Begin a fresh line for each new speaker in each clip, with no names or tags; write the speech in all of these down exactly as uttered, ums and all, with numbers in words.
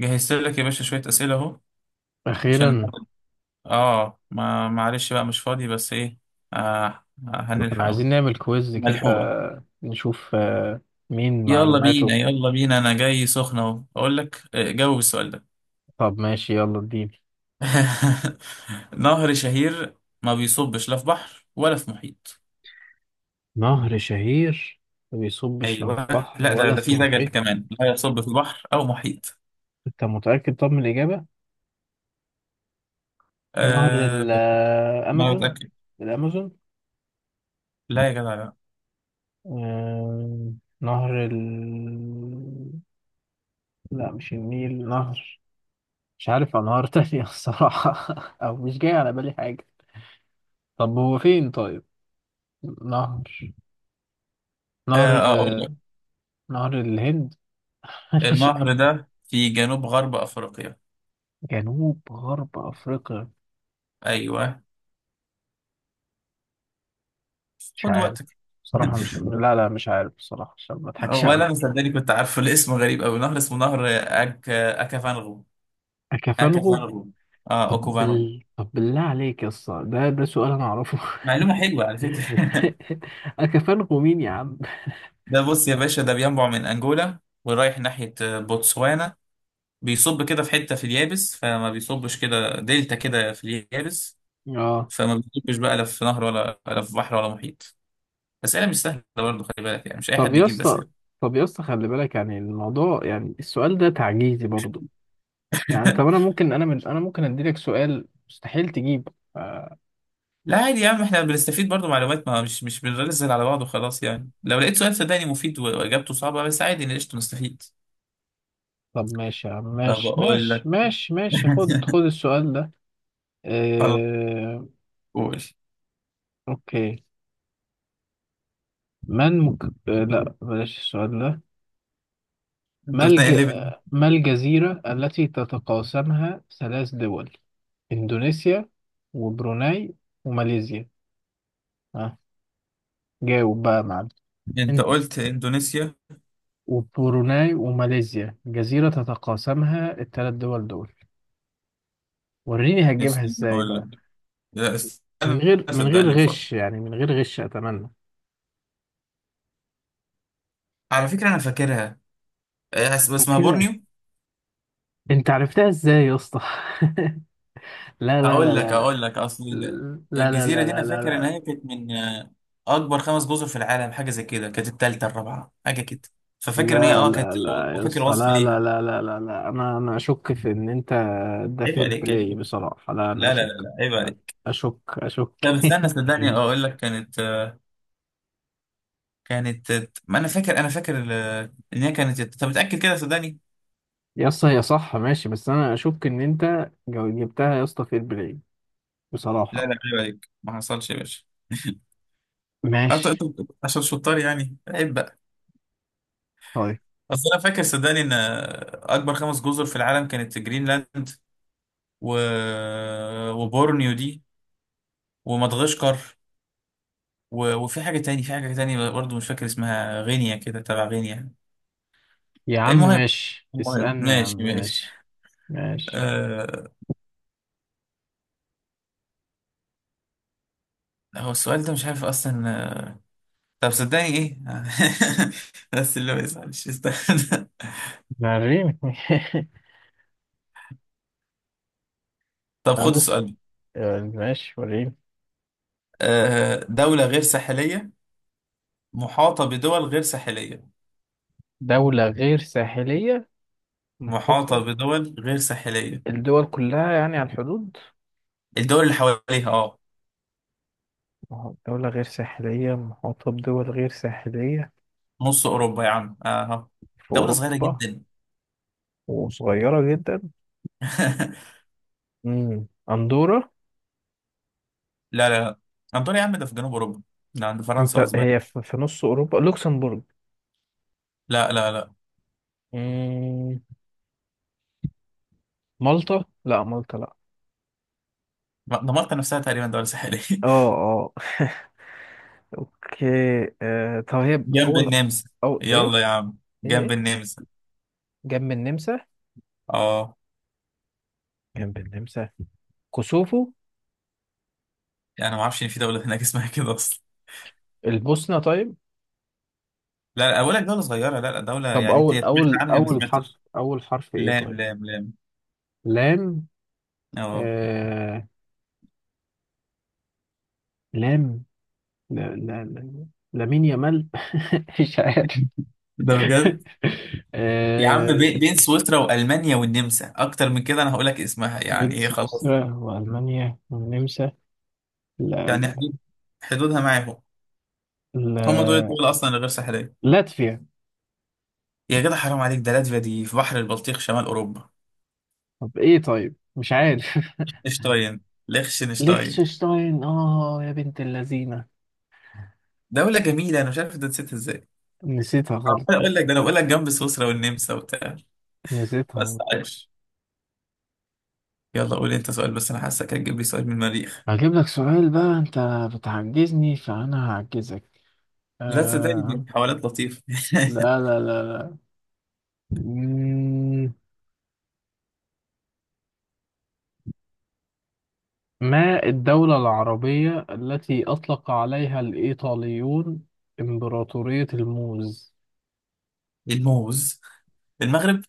جهزت لك يا باشا شوية أسئلة أهو عشان
أخيرا.
آه ما معلش بقى مش فاضي بس إيه آه آه،
كنا
هنلحق أهو
عايزين نعمل كويز كده
ملحوقة.
نشوف آه، مين
يلا بينا
معلوماته.
يلا بينا، أنا جاي سخنة أهو. أقول لك، آه، جاوب السؤال ده.
طب ماشي، يلا اديني.
نهر شهير ما بيصبش لا في بحر ولا في محيط.
نهر شهير ما بيصبش لا
أيوه،
في بحر
لا ده
ولا
ده
في
في دجل
محيط.
كمان لا يصب في بحر أو محيط.
أنت متأكد طب من الإجابة؟ نهر
آه، ما
الأمازون،
بتأكد.
الأمازون.
لا يا جدع لا.
آه، نهر ال... لا، مش النيل نهر. مش عارف أنهار تانية الصراحة. أو مش جاي على بالي حاجة. طب هو فين طيب؟ نهر
آه، أقول لك.
نهر نهر الهند. مش عارف.
النهر ده في جنوب غرب أفريقيا.
جنوب غرب أفريقيا.
أيوه،
مش
خد
عارف
وقتك.
بصراحة، مش لا لا، مش عارف بصراحة عشان ما أضحكش
هو انا
عليك.
مصدقني كنت عارفه؟ الاسم غريب قوي، نهر اسمه نهر اك اكافانغو.
أكافنغو.
اكافانغو، اه
طب
اوكوفانغو.
بال... طب بالله عليك يا اسطى، ده ده سؤال أنا أعرفه.
معلومه حلوه على فكره.
أكافنغو مين يا عم؟
ده بص يا باشا، ده بينبع من انجولا ورايح ناحيه بوتسوانا، بيصب كده في حته في اليابس، فما بيصبش، كده دلتا كده في اليابس،
اه.
فما بيصبش بقى لا في نهر ولا ولا في بحر ولا محيط. اسئله مش سهله برضه، خلي بالك يعني، مش اي
طب
حد
يا
يجيب
اسطى
اسئله.
طب يا اسطى، خلي بالك يعني الموضوع، يعني السؤال ده تعجيزي برضو. يعني طب أنا ممكن، أنا من... أنا ممكن أديلك سؤال مستحيل تجيب.
لا عادي يا عم، احنا بنستفيد برضو معلومات، ما مش مش بنرزل على بعض وخلاص. يعني لو لقيت سؤال صدقني مفيد و- واجابته صعبة، بس عادي، إن قشطة نستفيد.
طب ماشي يا عم،
طب
ماشي
اقول
ماشي
لك.
ماشي ماشي، خد خد السؤال ده.
خلاص،
آه،
قول.
أوكي. ما المك... آه، لا، بلاش السؤال ده.
انت
ما الج...
بتنقي ليفل.
ما الجزيرة التي تتقاسمها ثلاث دول، إندونيسيا وبروناي وماليزيا؟ آه. جاوب بقى يا معلم.
انت
إن-
قلت اندونيسيا.
وبروناي وماليزيا، جزيرة تتقاسمها الثلاث دول دول. وريني هتجيبها
استنى
ازاي
اقول
بقى؟
لك، لا
من
استنى،
غير من غير
صدقني مفكر.
غش يعني، من غير غش أتمنى.
على فكرة انا فاكرها. إيه، اس- اسمها
كده،
بورنيو.
انت عرفتها ازاي يا اسطى؟ لا لا لا
اقول لك اقول
لا
لك، اصل ال-
لا لا لا،
الجزيرة دي، انا
لا لا لا
فاكر ان
لا
هي كانت من، آه، اكبر خمس جزر في العالم، حاجة زي كده، كانت التالتة الرابعة حاجة كده. ففاكر ان هي
لا
اه كانت،
لا لا يا
وفاكر
اسطى،
وصف
لا لا
ليها.
لا لا لا لا، انا انا اشك في ان انت. ده
عيب
فير
عليك،
بلاي
عيب.
بصراحه. لا، انا
لا لا لا
اشك،
لا، عيب عليك.
اشك
طب
اشك.
استنى صدقني اقول لك، كانت، كانت، ما انا فاكر، انا فاكر ال- ان هي كانت، طب متاكد كده صدقني.
يا اسطى هي صح ماشي، بس انا اشك ان انت جو- جبتها يا اسطى. فير بلاي
لا
بصراحه.
لا عيب عليك، ما حصلش يا باشا. أنت- أنت
ماشي.
عشان شطار يعني، عيب بقى.
طيب
اصل انا فاكر صدقني ان اكبر خمس جزر في العالم كانت جرينلاند و... وبورنيو دي، ومدغشقر، و... وفي حاجه تاني، في حاجه تاني برضه مش فاكر اسمها، غينيا كده، تبع غينيا.
يا عم
المهم،
ماشي،
المهم
اسالني يا عم.
ماشي ماشي.
ماشي ماشي،
آه، هو السؤال ده مش عارف اصلا. آه، طب صدقني ايه. بس اللي هو يزعل مش يستاهل.
وريني.
طب
انا
خد
ممكن.
السؤال ده.
ماشي وريني.
آه، دولة غير ساحلية محاطة بدول غير ساحلية.
دوله غير ساحليه،
محاطة
محاطه.
بدول غير ساحلية.
الدول كلها يعني على الحدود.
الدول اللي حواليها اه.
ما هو دولة غير ساحلية محاطة بدول غير ساحلية.
نص أوروبا يا عم، اه.
في
دولة صغيرة
أوروبا.
جدا.
وصغيرة جدا. مم. أندورا.
لا لا لا، أنطونيا يا عم ده في جنوب أوروبا، ده عند فرنسا
أنت
وأسبانيا.
هي في في نص أوروبا. لوكسمبورج.
لا لا لا،
مم. مالطا، لا، مالطا لا.
دمرت نفسها تقريبا، دولة ساحلية.
اه، اه. اوكي. آه. طب هي ب-
جنب
أول.
النمسا.
أو إيه؟
يلا يا عم،
إيه
جنب
إيه؟
النمسا.
جنب النمسا.
اه.
جنب النمسا. كوسوفو.
يعني انا ما اعرفش ان في دوله هناك اسمها كده اصلا.
البوسنة طيب.
لا لا، اقول لك دوله صغيره، لا لا، دوله
طب
يعني انت
أول
سمعت
أول
عنها؟ ما
أول حرف
سمعتش.
أول حرف إيه
لام
طيب؟
لام لام.
لام.
اه.
آه... لام. لا لا لا. لامين يامال. مش عارف.
ده بجد. يا عم،
آه،
بي- بين سويسرا والمانيا والنمسا، اكتر من كده انا هقول لك اسمها
بين
يعني، ايه خلاص.
سويسرا وألمانيا والنمسا. لا
يعني
لا
حدود، حدودها معاهم، هم دول
لا.
الدول اصلا الغير ساحليه.
لاتفيا.
يا جدع حرام عليك، ده لاتفيا دي في بحر البلطيق شمال اوروبا.
طب ايه طيب؟ مش عارف.
اشتاين، ليخشنشتاين.
ليechtenstein. اه يا بنت اللذينة.
دوله جميله، انا مش عارف ده نسيت ازاي.
نسيتها غلط.
عمال اقول لك ده، انا بقول لك جنب سويسرا والنمسا وبتاع،
نسيتها
بس
على فكرة.
عايش. يلا قول انت سؤال، بس انا حاسك هتجيب لي سؤال من المريخ.
هجيب لك سؤال بقى انت، بتعجزني فانا هعجزك.
لا تصدقني دي
آه.
حوالات لطيفة.
لا لا لا لا. مم، ما الدولة العربية التي أطلق عليها الإيطاليون إمبراطورية الموز؟
الموز. المغرب.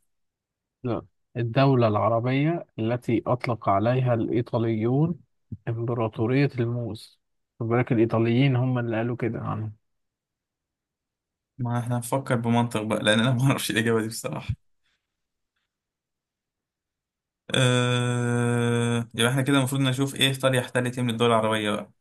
لا. الدولة العربية التي أطلق عليها الإيطاليون إمبراطورية الموز. خد بالك، الإيطاليين هم اللي قالوا كده عنها.
ما احنا هنفكر بمنطق بقى، لان انا ما اعرفش الاجابة دي بصراحة. أه... يبقى احنا كده المفروض نشوف ايه ايطاليا احتلت ايه من الدول العربية بقى.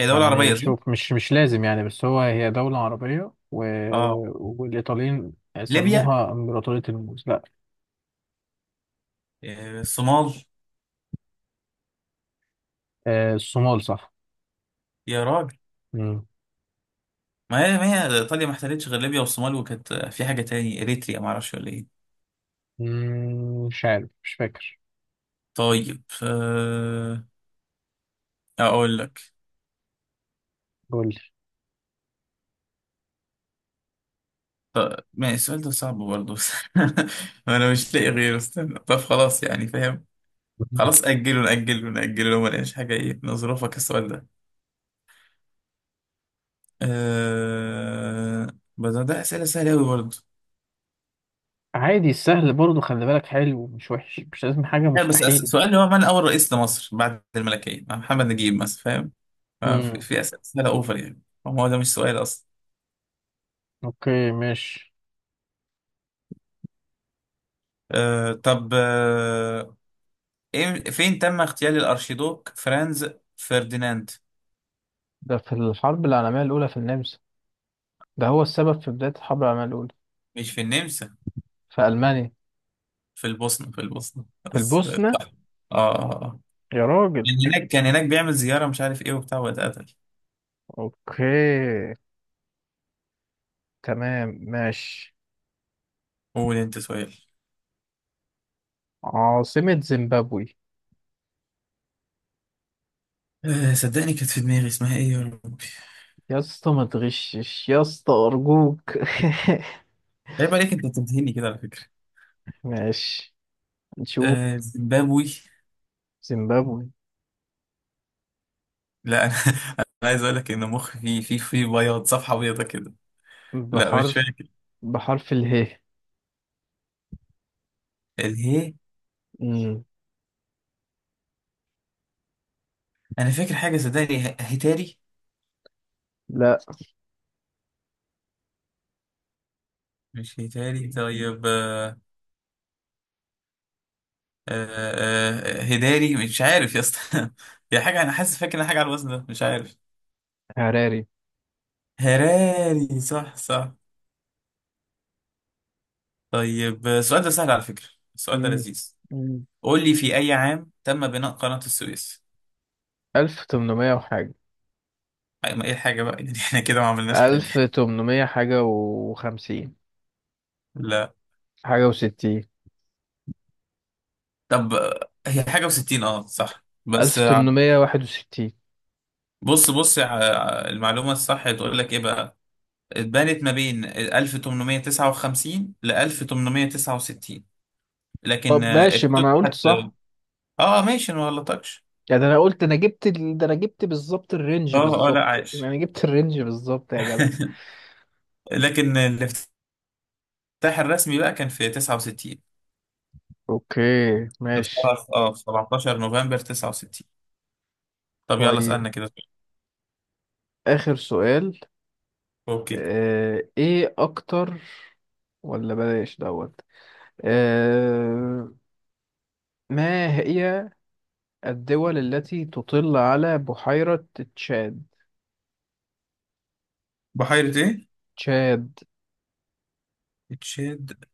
هي دولة
يعني
عربية صح؟
شوف، مش مش لازم يعني، بس هو، هي دولة عربية، و...
اه،
والإيطاليين
ليبيا.
سموها إمبراطورية الموز. لا،
آه، الصومال.
آه، الصومال صح.
يا راجل،
مم.
ما هي، ما هي ايطاليا ما احتلتش غير ليبيا والصومال، وكانت آه، في حاجة تاني، اريتريا ما اعرفش ولا ايه.
مم، مش عارف، مش فاكر.
طيب أه... اقول لك.
قول
ما السؤال ده صعب برضه بس. انا مش لاقي غيره، استنى طب خلاص يعني، فاهم.
لي.
خلاص اجله ناجله ناجله، لو ما لقيناش حاجه ايه نظروفك السؤال ده. أه... بس ده اسئله سهله قوي برضه.
عادي، السهل برضه خلي بالك حلو، مش وحش، مش لازم حاجة
لا بس أس-
مستحيل.
سؤال هو من، اول رئيس لمصر بعد الملكيه مع محمد نجيب مثلا فاهم؟ آه، في
امم.
في اسئله سهله اوفر يعني، هو ده مش سؤال اصلا.
اوكي ماشي.
أه... طب أه... إيه- فين تم اغتيال الارشيدوك فرانز فرديناند؟
ده في الحرب العالمية الأولى، في النمسا. ده هو السبب في بداية الحرب العالمية الأولى.
مش في النمسا.
في ألمانيا.
في البوسنة، في البوسنة
في
بس. صح.
البوسنة.
اه آه. آه.
يا راجل.
كان هناك، كان هناك بيعمل زيارة مش عارف ايه وبتاع، واتقتل.
اوكي، تمام، ماشي.
قول انت سؤال.
عاصمة زيمبابوي.
آه صدقني كانت في دماغي، اسمها ايه يا ربي.
يا اسطى، ما تغشش يا اسطى، أرجوك.
عيب عليك، انت بتنتهيني كده على فكرة.
ماشي.
آه
نشوف.
زيمبابوي.
زيمبابوي.
لا انا انا عايز اقول لك ان مخي في في في بياض، صفحة بيضة كده. لا مش
بحرف.
فاكر.
بحرف اله.
الهي.
مم.
انا فاكر حاجة صدقني، ه- هتاري.
لا.
مش هتاري طيب. آه آه آه هداري، مش عارف يا اسطى يا حاجة، انا حاسس فاكر إن حاجة على الوزن ده مش عارف.
هراري.
هراري، صح صح. طيب السؤال ده سهل على فكرة، السؤال ده
مم.
لذيذ.
مم.
قول لي، في أي عام تم بناء قناة السويس؟
ألف تمنمية وحاجة.
أي ما إيه الحاجة بقى يعني، إحنا كده ما عملناش حاجة.
ألف تمنمية حاجة وخمسين.
لا.
حاجة وستين.
طب آه، هي حاجة وستين، أه صح بس،
ألف
آه،
تمنمية واحد وستين
بص بص، آه، المعلومة الصح بتقول لك إيه بقى، اتبنت ما بين ألف تمنمية تسعة وخمسين ل ألف تمنمية تسعة وستين، لكن
طب
آه،
ماشي، ما أنا قلت
افتتحت.
صح.
اه ماشي، أنا ما غلطكش.
يعني أنا قلت، أنا جبت ال... ده أنا جبت بالظبط الرينج،
اه اه لا
بالظبط،
عايش.
أنا جبت الرينج بالظبط يا جدع.
لكن الافتتاح، الافتتاح الرسمي بقى كان في تسعة وستين.
أوكي ماشي.
اتفتح اه في سبعتاشر نوفمبر تسعة وستين. طب يلا
طيب،
اسألنا كده سؤال.
آخر سؤال.
اوكي.
آه... إيه أكتر. ولا بلاش دوت. آه... ما هي الدول التي تطل على بحيرة تشاد؟
بحيرة ايه؟
تشاد.
تشاد.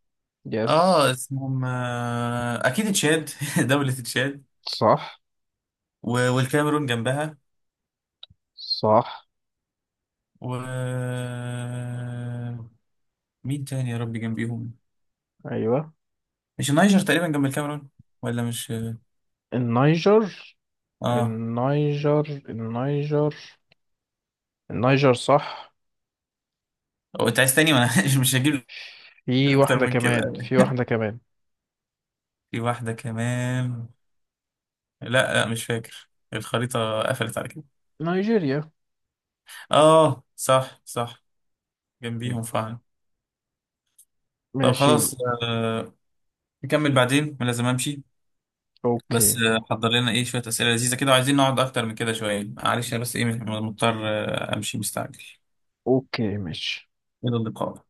يس.
اه، اسمهم آه، اكيد تشاد. دولة تشاد
صح
و- والكاميرون جنبها،
صح.
و مين تاني يا ربي جنبيهم؟
ايوه.
مش النيجر تقريبا جنب الكاميرون، ولا مش؟
النيجر،
اه.
النيجر، النيجر، النيجر صح.
هو انت عايز تاني، ما انا مش هجيب لك
في
اكتر
واحدة
من كده.
كمان، في واحدة كمان.
في واحدة كمان؟ لا لا مش فاكر، الخريطة قفلت على كده.
نيجيريا.
اه صح صح، جنبيهم فعلا. طب
ماشي.
خلاص، آه، نكمل بعدين انا لازم امشي. بس
اوكي.
آه حضر لنا ايه شوية اسئلة لذيذة كده، وعايزين نقعد اكتر من كده شوية، معلش انا بس ايه مضطر آه امشي مستعجل.
اوكي ماشي.
الى اللقاء.